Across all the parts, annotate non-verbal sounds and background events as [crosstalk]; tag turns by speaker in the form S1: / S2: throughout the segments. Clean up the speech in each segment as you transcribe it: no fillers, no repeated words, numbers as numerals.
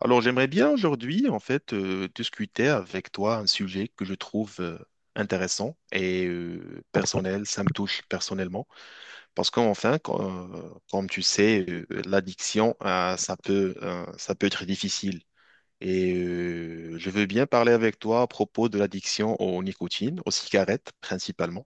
S1: Alors, j'aimerais bien aujourd'hui, discuter avec toi un sujet que je trouve intéressant et personnel, ça me touche personnellement, parce qu'enfin, quand- comme tu sais, l'addiction, ça peut être difficile. Je veux bien parler avec toi à propos de l'addiction aux nicotine, aux cigarettes principalement.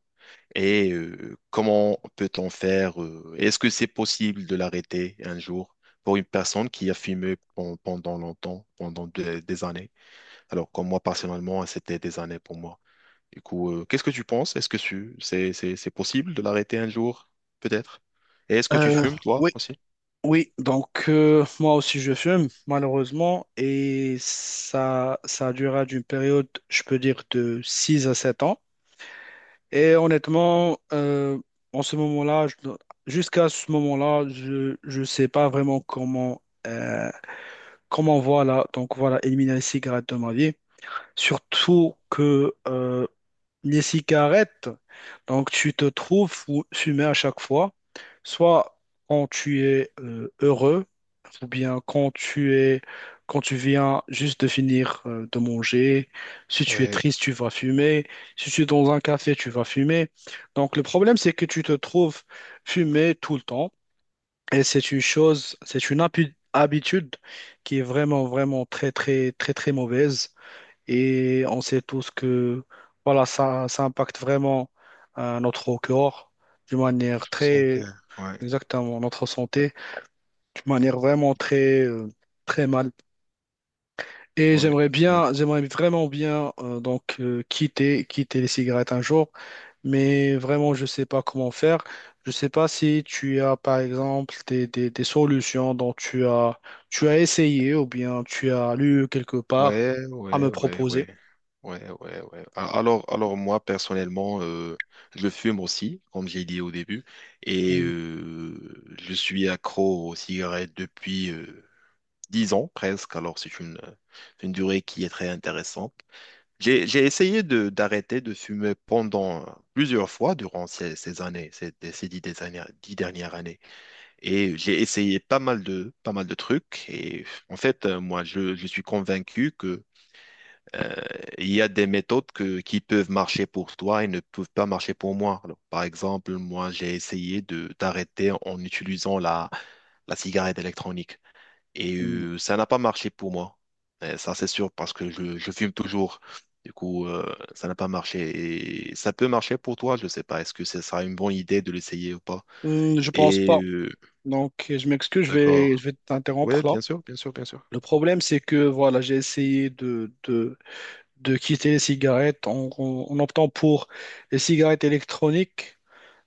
S1: Comment peut-on faire? Est-ce que c'est possible de l'arrêter un jour pour une personne qui a fumé pendant longtemps, pendant des années? Alors comme moi, personnellement, c'était des années pour moi. Du coup, qu'est-ce que tu penses? C'est possible de l'arrêter un jour, peut-être? Et est-ce que tu
S2: Euh,
S1: fumes, toi
S2: oui,
S1: aussi?
S2: oui. Donc, moi aussi, je fume, malheureusement. Et ça a duré d'une période, je peux dire, de 6 à 7 ans. Et honnêtement, en ce moment-là, je- jusqu'à ce moment-là, je sais pas vraiment comment, comment voilà, éliminer les cigarettes de ma vie. Surtout que les cigarettes, donc tu te trouves où fumer à chaque fois, soit quand tu es heureux, ou bien quand tu es quand tu viens juste de finir de manger. Si tu es
S1: Ouais,
S2: triste, tu vas fumer. Si tu es dans un café, tu vas fumer. Donc le problème, c'est que tu te trouves fumer tout le temps. Et c'est une habitude qui est vraiment, vraiment très, très, très, très mauvaise. Et on sait tous que voilà, ça impacte vraiment notre corps d'une manière
S1: je sentais.
S2: très,
S1: Ouais,
S2: exactement, notre santé, d'une manière vraiment très, très mal. Et
S1: ouais, ouais.
S2: j'aimerais vraiment bien quitter les cigarettes un jour, mais vraiment, je ne sais pas comment faire. Je ne sais pas si tu as, par exemple, des solutions dont tu as essayé ou bien tu as lu quelque part
S1: Ouais,
S2: à me
S1: ouais, ouais,
S2: proposer.
S1: ouais. Ouais, ouais, ouais. Alors moi, personnellement, je fume aussi, comme j'ai dit au début, et je suis accro aux cigarettes depuis 10 ans presque, alors c'est une durée qui est très intéressante. J'ai essayé d'arrêter de fumer pendant plusieurs fois durant ces années, ces, ces dix, des années- dix dernières années. Et j'ai essayé pas mal de trucs. Et en fait, moi, je suis convaincu euh, il y a des méthodes qui peuvent marcher pour toi et ne peuvent pas marcher pour moi. Alors, par exemple, moi, j'ai essayé de d'arrêter en utilisant la cigarette électronique et
S2: Mm.
S1: ça n'a pas marché pour moi. Et ça, c'est sûr parce que je fume toujours. Du coup, ça n'a pas marché. Et ça peut marcher pour toi, je ne sais pas. Est-ce que ce sera une bonne idée de l'essayer ou pas?
S2: Hmm, je pense
S1: Et
S2: pas.
S1: euh,
S2: Donc, je m'excuse, je
S1: d'accord.
S2: vais
S1: Oui,
S2: t'interrompre là.
S1: bien sûr, bien sûr, bien sûr.
S2: Le problème, c'est que voilà, j'ai essayé de quitter les cigarettes en optant pour les cigarettes électroniques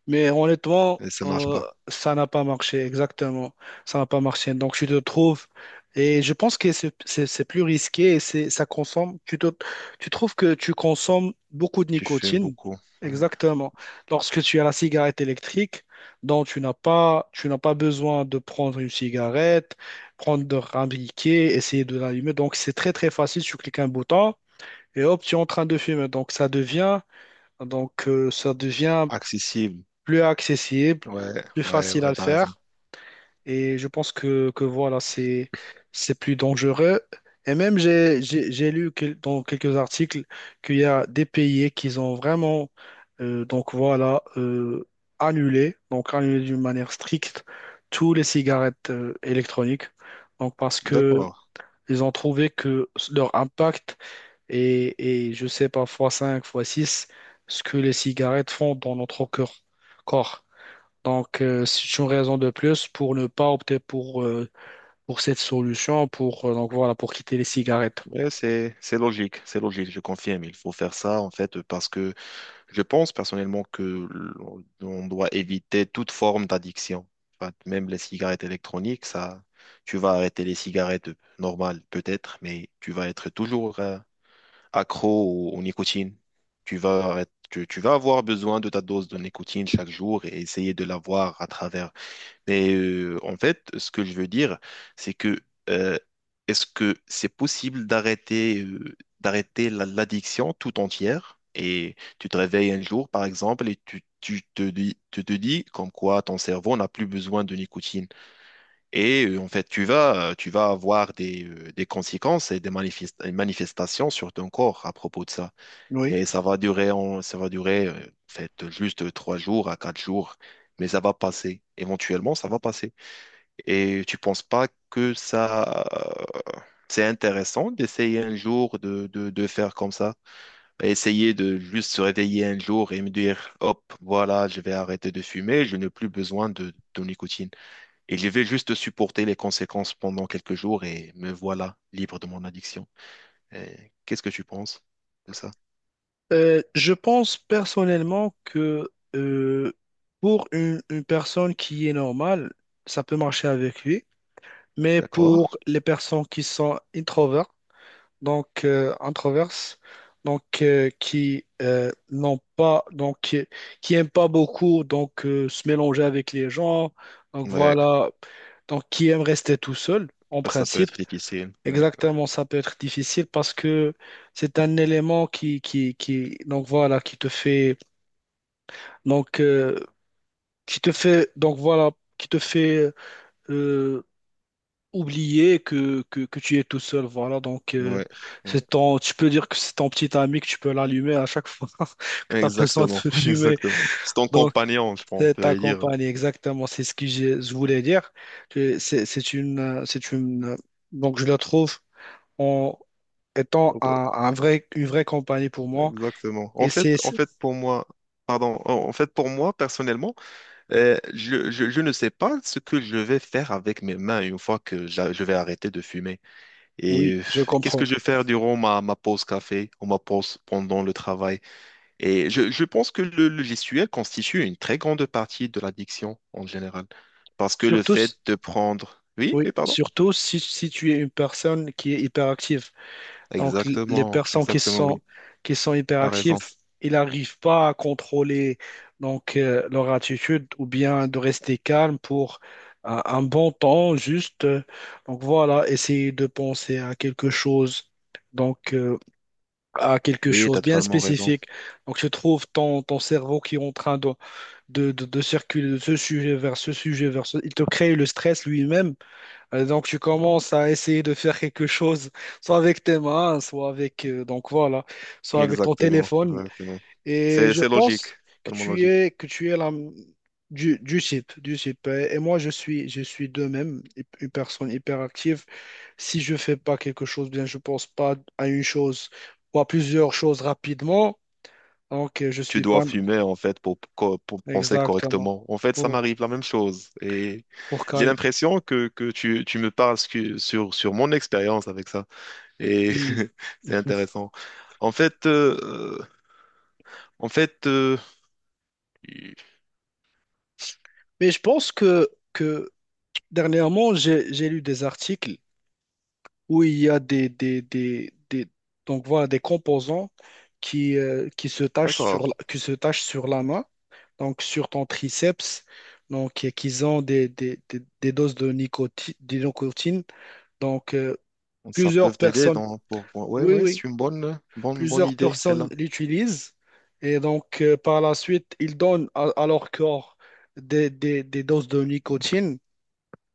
S2: mais honnêtement,
S1: Mais ça marche pas.
S2: ça n'a pas marché, exactement. Ça n'a pas marché. Donc, tu te trouves, et je pense que c'est plus risqué et c'est, ça consomme, tu trouves que tu consommes beaucoup de
S1: Tu fumes
S2: nicotine,
S1: beaucoup. Ouais.
S2: exactement. Lorsque tu as la cigarette électrique, dont tu n'as pas besoin de prendre une cigarette, prendre un briquet, essayer de l'allumer. Donc, c'est très, très facile. Tu cliques un bouton et hop, tu es en train de fumer. Donc, donc, ça devient
S1: Accessible.
S2: plus accessible,
S1: Ouais,
S2: plus
S1: ouais,
S2: facile à
S1: ouais,
S2: le
S1: t'as raison.
S2: faire. Et je pense que voilà, c'est plus dangereux. Et même, j'ai lu dans quelques articles qu'il y a des pays qui ont vraiment, euh, donc voilà, euh, donc annulé d'une manière stricte, tous les cigarettes, électroniques. Donc parce que
S1: D'accord.
S2: ils ont trouvé que leur impact je sais pas, fois 5, fois 6 ce que les cigarettes font dans notre corps. Donc, c'est une raison de plus pour ne pas opter pour cette solution, pour, pour quitter les cigarettes.
S1: Ouais, c'est logique, je confirme. Il faut faire ça en fait parce que je pense personnellement que l'on on doit éviter toute forme d'addiction. En fait, même les cigarettes électroniques, ça, tu vas arrêter les cigarettes normales peut-être, mais tu vas être toujours accro au nicotine. Tu vas avoir besoin de ta dose de nicotine chaque jour et essayer de l'avoir à travers. En fait, ce que je veux dire, c'est que euh, est-ce que c'est possible d'arrêter l'addiction tout entière? Et tu te réveilles un jour, par exemple, et tu te dis comme quoi ton cerveau n'a plus besoin de nicotine. Et en fait, tu vas avoir des conséquences et des manifestations sur ton corps à propos de ça.
S2: Oui.
S1: Et ça va durer, ça va durer en fait, juste 3 jours à 4 jours, mais ça va passer. Éventuellement, ça va passer. Et tu penses pas que ça, c'est intéressant d'essayer un jour de faire comme ça? Essayer de juste se réveiller un jour et me dire, hop, voilà, je vais arrêter de fumer, je n'ai plus besoin de nicotine. Et je vais juste supporter les conséquences pendant quelques jours et me voilà libre de mon addiction. Et qu'est-ce que tu penses de ça?
S2: Je pense personnellement que euh, pour une personne qui est normale, ça peut marcher avec lui, mais
S1: D'accord?
S2: pour les personnes qui sont introvertes, introverses, qui n'ont pas, qui aiment pas beaucoup se mélanger avec les gens, donc
S1: Ouais.
S2: voilà, donc qui aiment rester tout seul en
S1: Ah, ça peut
S2: principe.
S1: être difficile. Ouais, ouais,
S2: Exactement, ça peut être difficile parce que c'est un élément qui qui te fait donc euh, qui te fait donc voilà qui te fait euh, oublier que tu es tout seul, voilà. Donc,
S1: ouais,
S2: c'est ton, tu peux dire que c'est ton petit ami que tu peux l'allumer à chaque fois [laughs] que
S1: ouais.
S2: tu as besoin de
S1: Exactement, [laughs]
S2: fumer.
S1: exactement. C'est ton
S2: Donc,
S1: compagnon, je pense, on
S2: c'est ta
S1: peut dire.
S2: compagne, exactement. C'est ce que je voulais dire. Que C'est c'est une, donc, je la trouve en étant
S1: Donc, euh,
S2: un vrai, une vraie compagnie pour moi.
S1: Exactement. En
S2: Et
S1: fait,
S2: c'est,
S1: en
S2: c'est-
S1: fait, pour moi, pardon, en fait, pour moi, personnellement, je ne sais pas ce que je vais faire avec mes mains une fois que je vais arrêter de fumer.
S2: oui,
S1: Et
S2: je
S1: qu'est-ce que
S2: comprends.
S1: je vais faire durant ma pause café ou ma pause pendant le travail? Et je pense que le logiciel constitue une très grande partie de l'addiction en général. Parce que le
S2: Surtout, si-
S1: fait de prendre... Oui,
S2: oui,
S1: oui, pardon.
S2: surtout si, si tu es une personne qui est hyperactive. Donc, les
S1: Exactement,
S2: personnes
S1: exactement, oui.
S2: qui sont
S1: T'as
S2: hyperactives,
S1: raison.
S2: ils n'arrivent pas à contrôler leur attitude ou bien de rester calme pour un bon temps, juste. Donc, voilà, essayer de penser à quelque chose, donc euh, à quelque
S1: Oui,
S2: chose
S1: t'as
S2: bien
S1: totalement raison.
S2: spécifique. Donc, je trouve ton cerveau qui est en train de circuler de ce sujet vers ce sujet, vers ce... Il te crée le stress lui-même donc tu commences à essayer de faire quelque chose, soit avec tes mains, soit avec soit avec ton
S1: Exactement,
S2: téléphone.
S1: exactement.
S2: Et je
S1: C'est logique,
S2: pense que
S1: totalement logique.
S2: tu es la, du type, du type. Et moi je suis de même une personne hyper active. Si je fais pas quelque chose, bien je pense pas à une chose ou à plusieurs choses rapidement. Je
S1: Tu
S2: suis
S1: dois
S2: pas
S1: fumer, en fait, pour, pour penser
S2: exactement
S1: correctement. En fait, ça
S2: pour
S1: m'arrive la même chose. Et
S2: pour
S1: j'ai
S2: calme.
S1: l'impression que tu me parles sur mon expérience avec ça. Et
S2: Mm.
S1: [laughs] c'est intéressant. En fait, euh, euh, en fait, euh, y-
S2: Mais je pense que dernièrement j'ai lu des articles, où il y a donc voilà, des composants qui se tachent
S1: d'accord,
S2: qui se tachent sur la main, donc sur ton triceps, donc et qu'ils ont des doses de nicotine, de nicotine. Donc euh,
S1: ça peut
S2: plusieurs
S1: t'aider
S2: personnes,
S1: dans pour. Ouais,
S2: oui,
S1: ouais,
S2: oui,
S1: c'est une bonne, bonne, bonne
S2: plusieurs
S1: idée,
S2: personnes
S1: celle-là,
S2: l'utilisent et par la suite, ils donnent à leur corps des doses de nicotine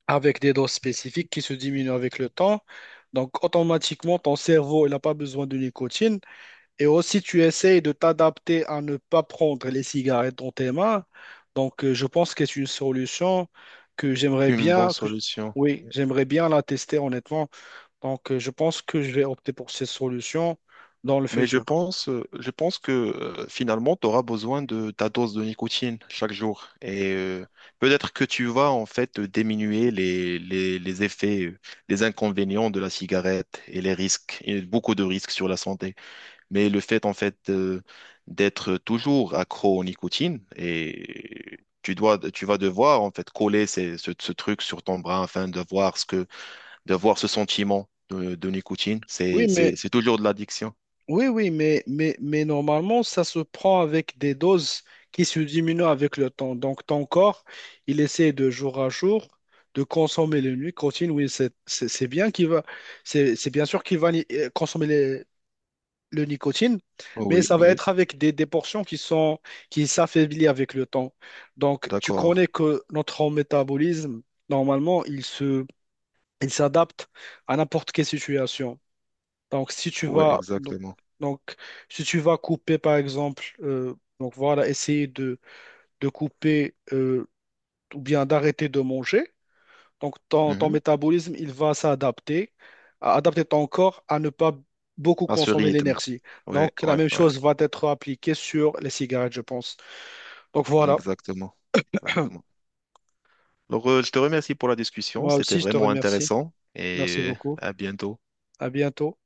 S2: avec des doses spécifiques qui se diminuent avec le temps. Donc, automatiquement, ton cerveau, il n'a pas besoin de nicotine. Et aussi, tu essayes de t'adapter à ne pas prendre les cigarettes dans tes mains. Donc, je pense que c'est une solution que j'aimerais
S1: une bonne
S2: bien, que je-
S1: solution.
S2: oui,
S1: Ouais.
S2: j'aimerais bien la tester, honnêtement. Donc, je pense que je vais opter pour cette solution dans le
S1: Mais
S2: futur.
S1: je pense que finalement, tu auras besoin de ta dose de nicotine chaque jour. Et peut-être que tu vas en fait diminuer les effets, les inconvénients de la cigarette et les risques, et beaucoup de risques sur la santé. Mais le fait, en fait, d'être toujours accro aux nicotine et tu dois, tu vas devoir, en fait, coller ce truc sur ton bras afin de voir ce que, de voir ce sentiment de nicotine.
S2: Oui, mais
S1: C'est toujours de l'addiction.
S2: Oui, oui, mais normalement, ça se prend avec des doses qui se diminuent avec le temps. Donc, ton corps, il essaie de jour à jour de consommer les nicotine. Oui, c'est bien qu'il va, c'est bien sûr qu'il va consommer le nicotine, mais
S1: Oui,
S2: ça va
S1: oui,
S2: être avec des portions qui s'affaiblissent avec le temps. Donc, tu
S1: d'accord.
S2: connais que notre métabolisme, normalement, il s'adapte à n'importe quelle situation. Donc, si tu
S1: Ouais,
S2: vas,
S1: exactement.
S2: donc, si tu vas couper, par exemple, donc voilà, de couper ou bien d'arrêter de manger, donc ton
S1: Mhm.
S2: métabolisme, il va s'adapter, à adapter ton corps à ne pas beaucoup
S1: À ce
S2: consommer
S1: rythme.
S2: l'énergie.
S1: Ouais,
S2: Donc, la
S1: ouais,
S2: même
S1: ouais.
S2: chose va être appliquée sur les cigarettes, je pense. Donc, voilà,
S1: Exactement. Exactement. Alors, je te remercie pour la discussion.
S2: moi
S1: C'était
S2: aussi, je te
S1: vraiment
S2: remercie.
S1: intéressant
S2: Merci
S1: et
S2: beaucoup.
S1: à bientôt.
S2: À bientôt.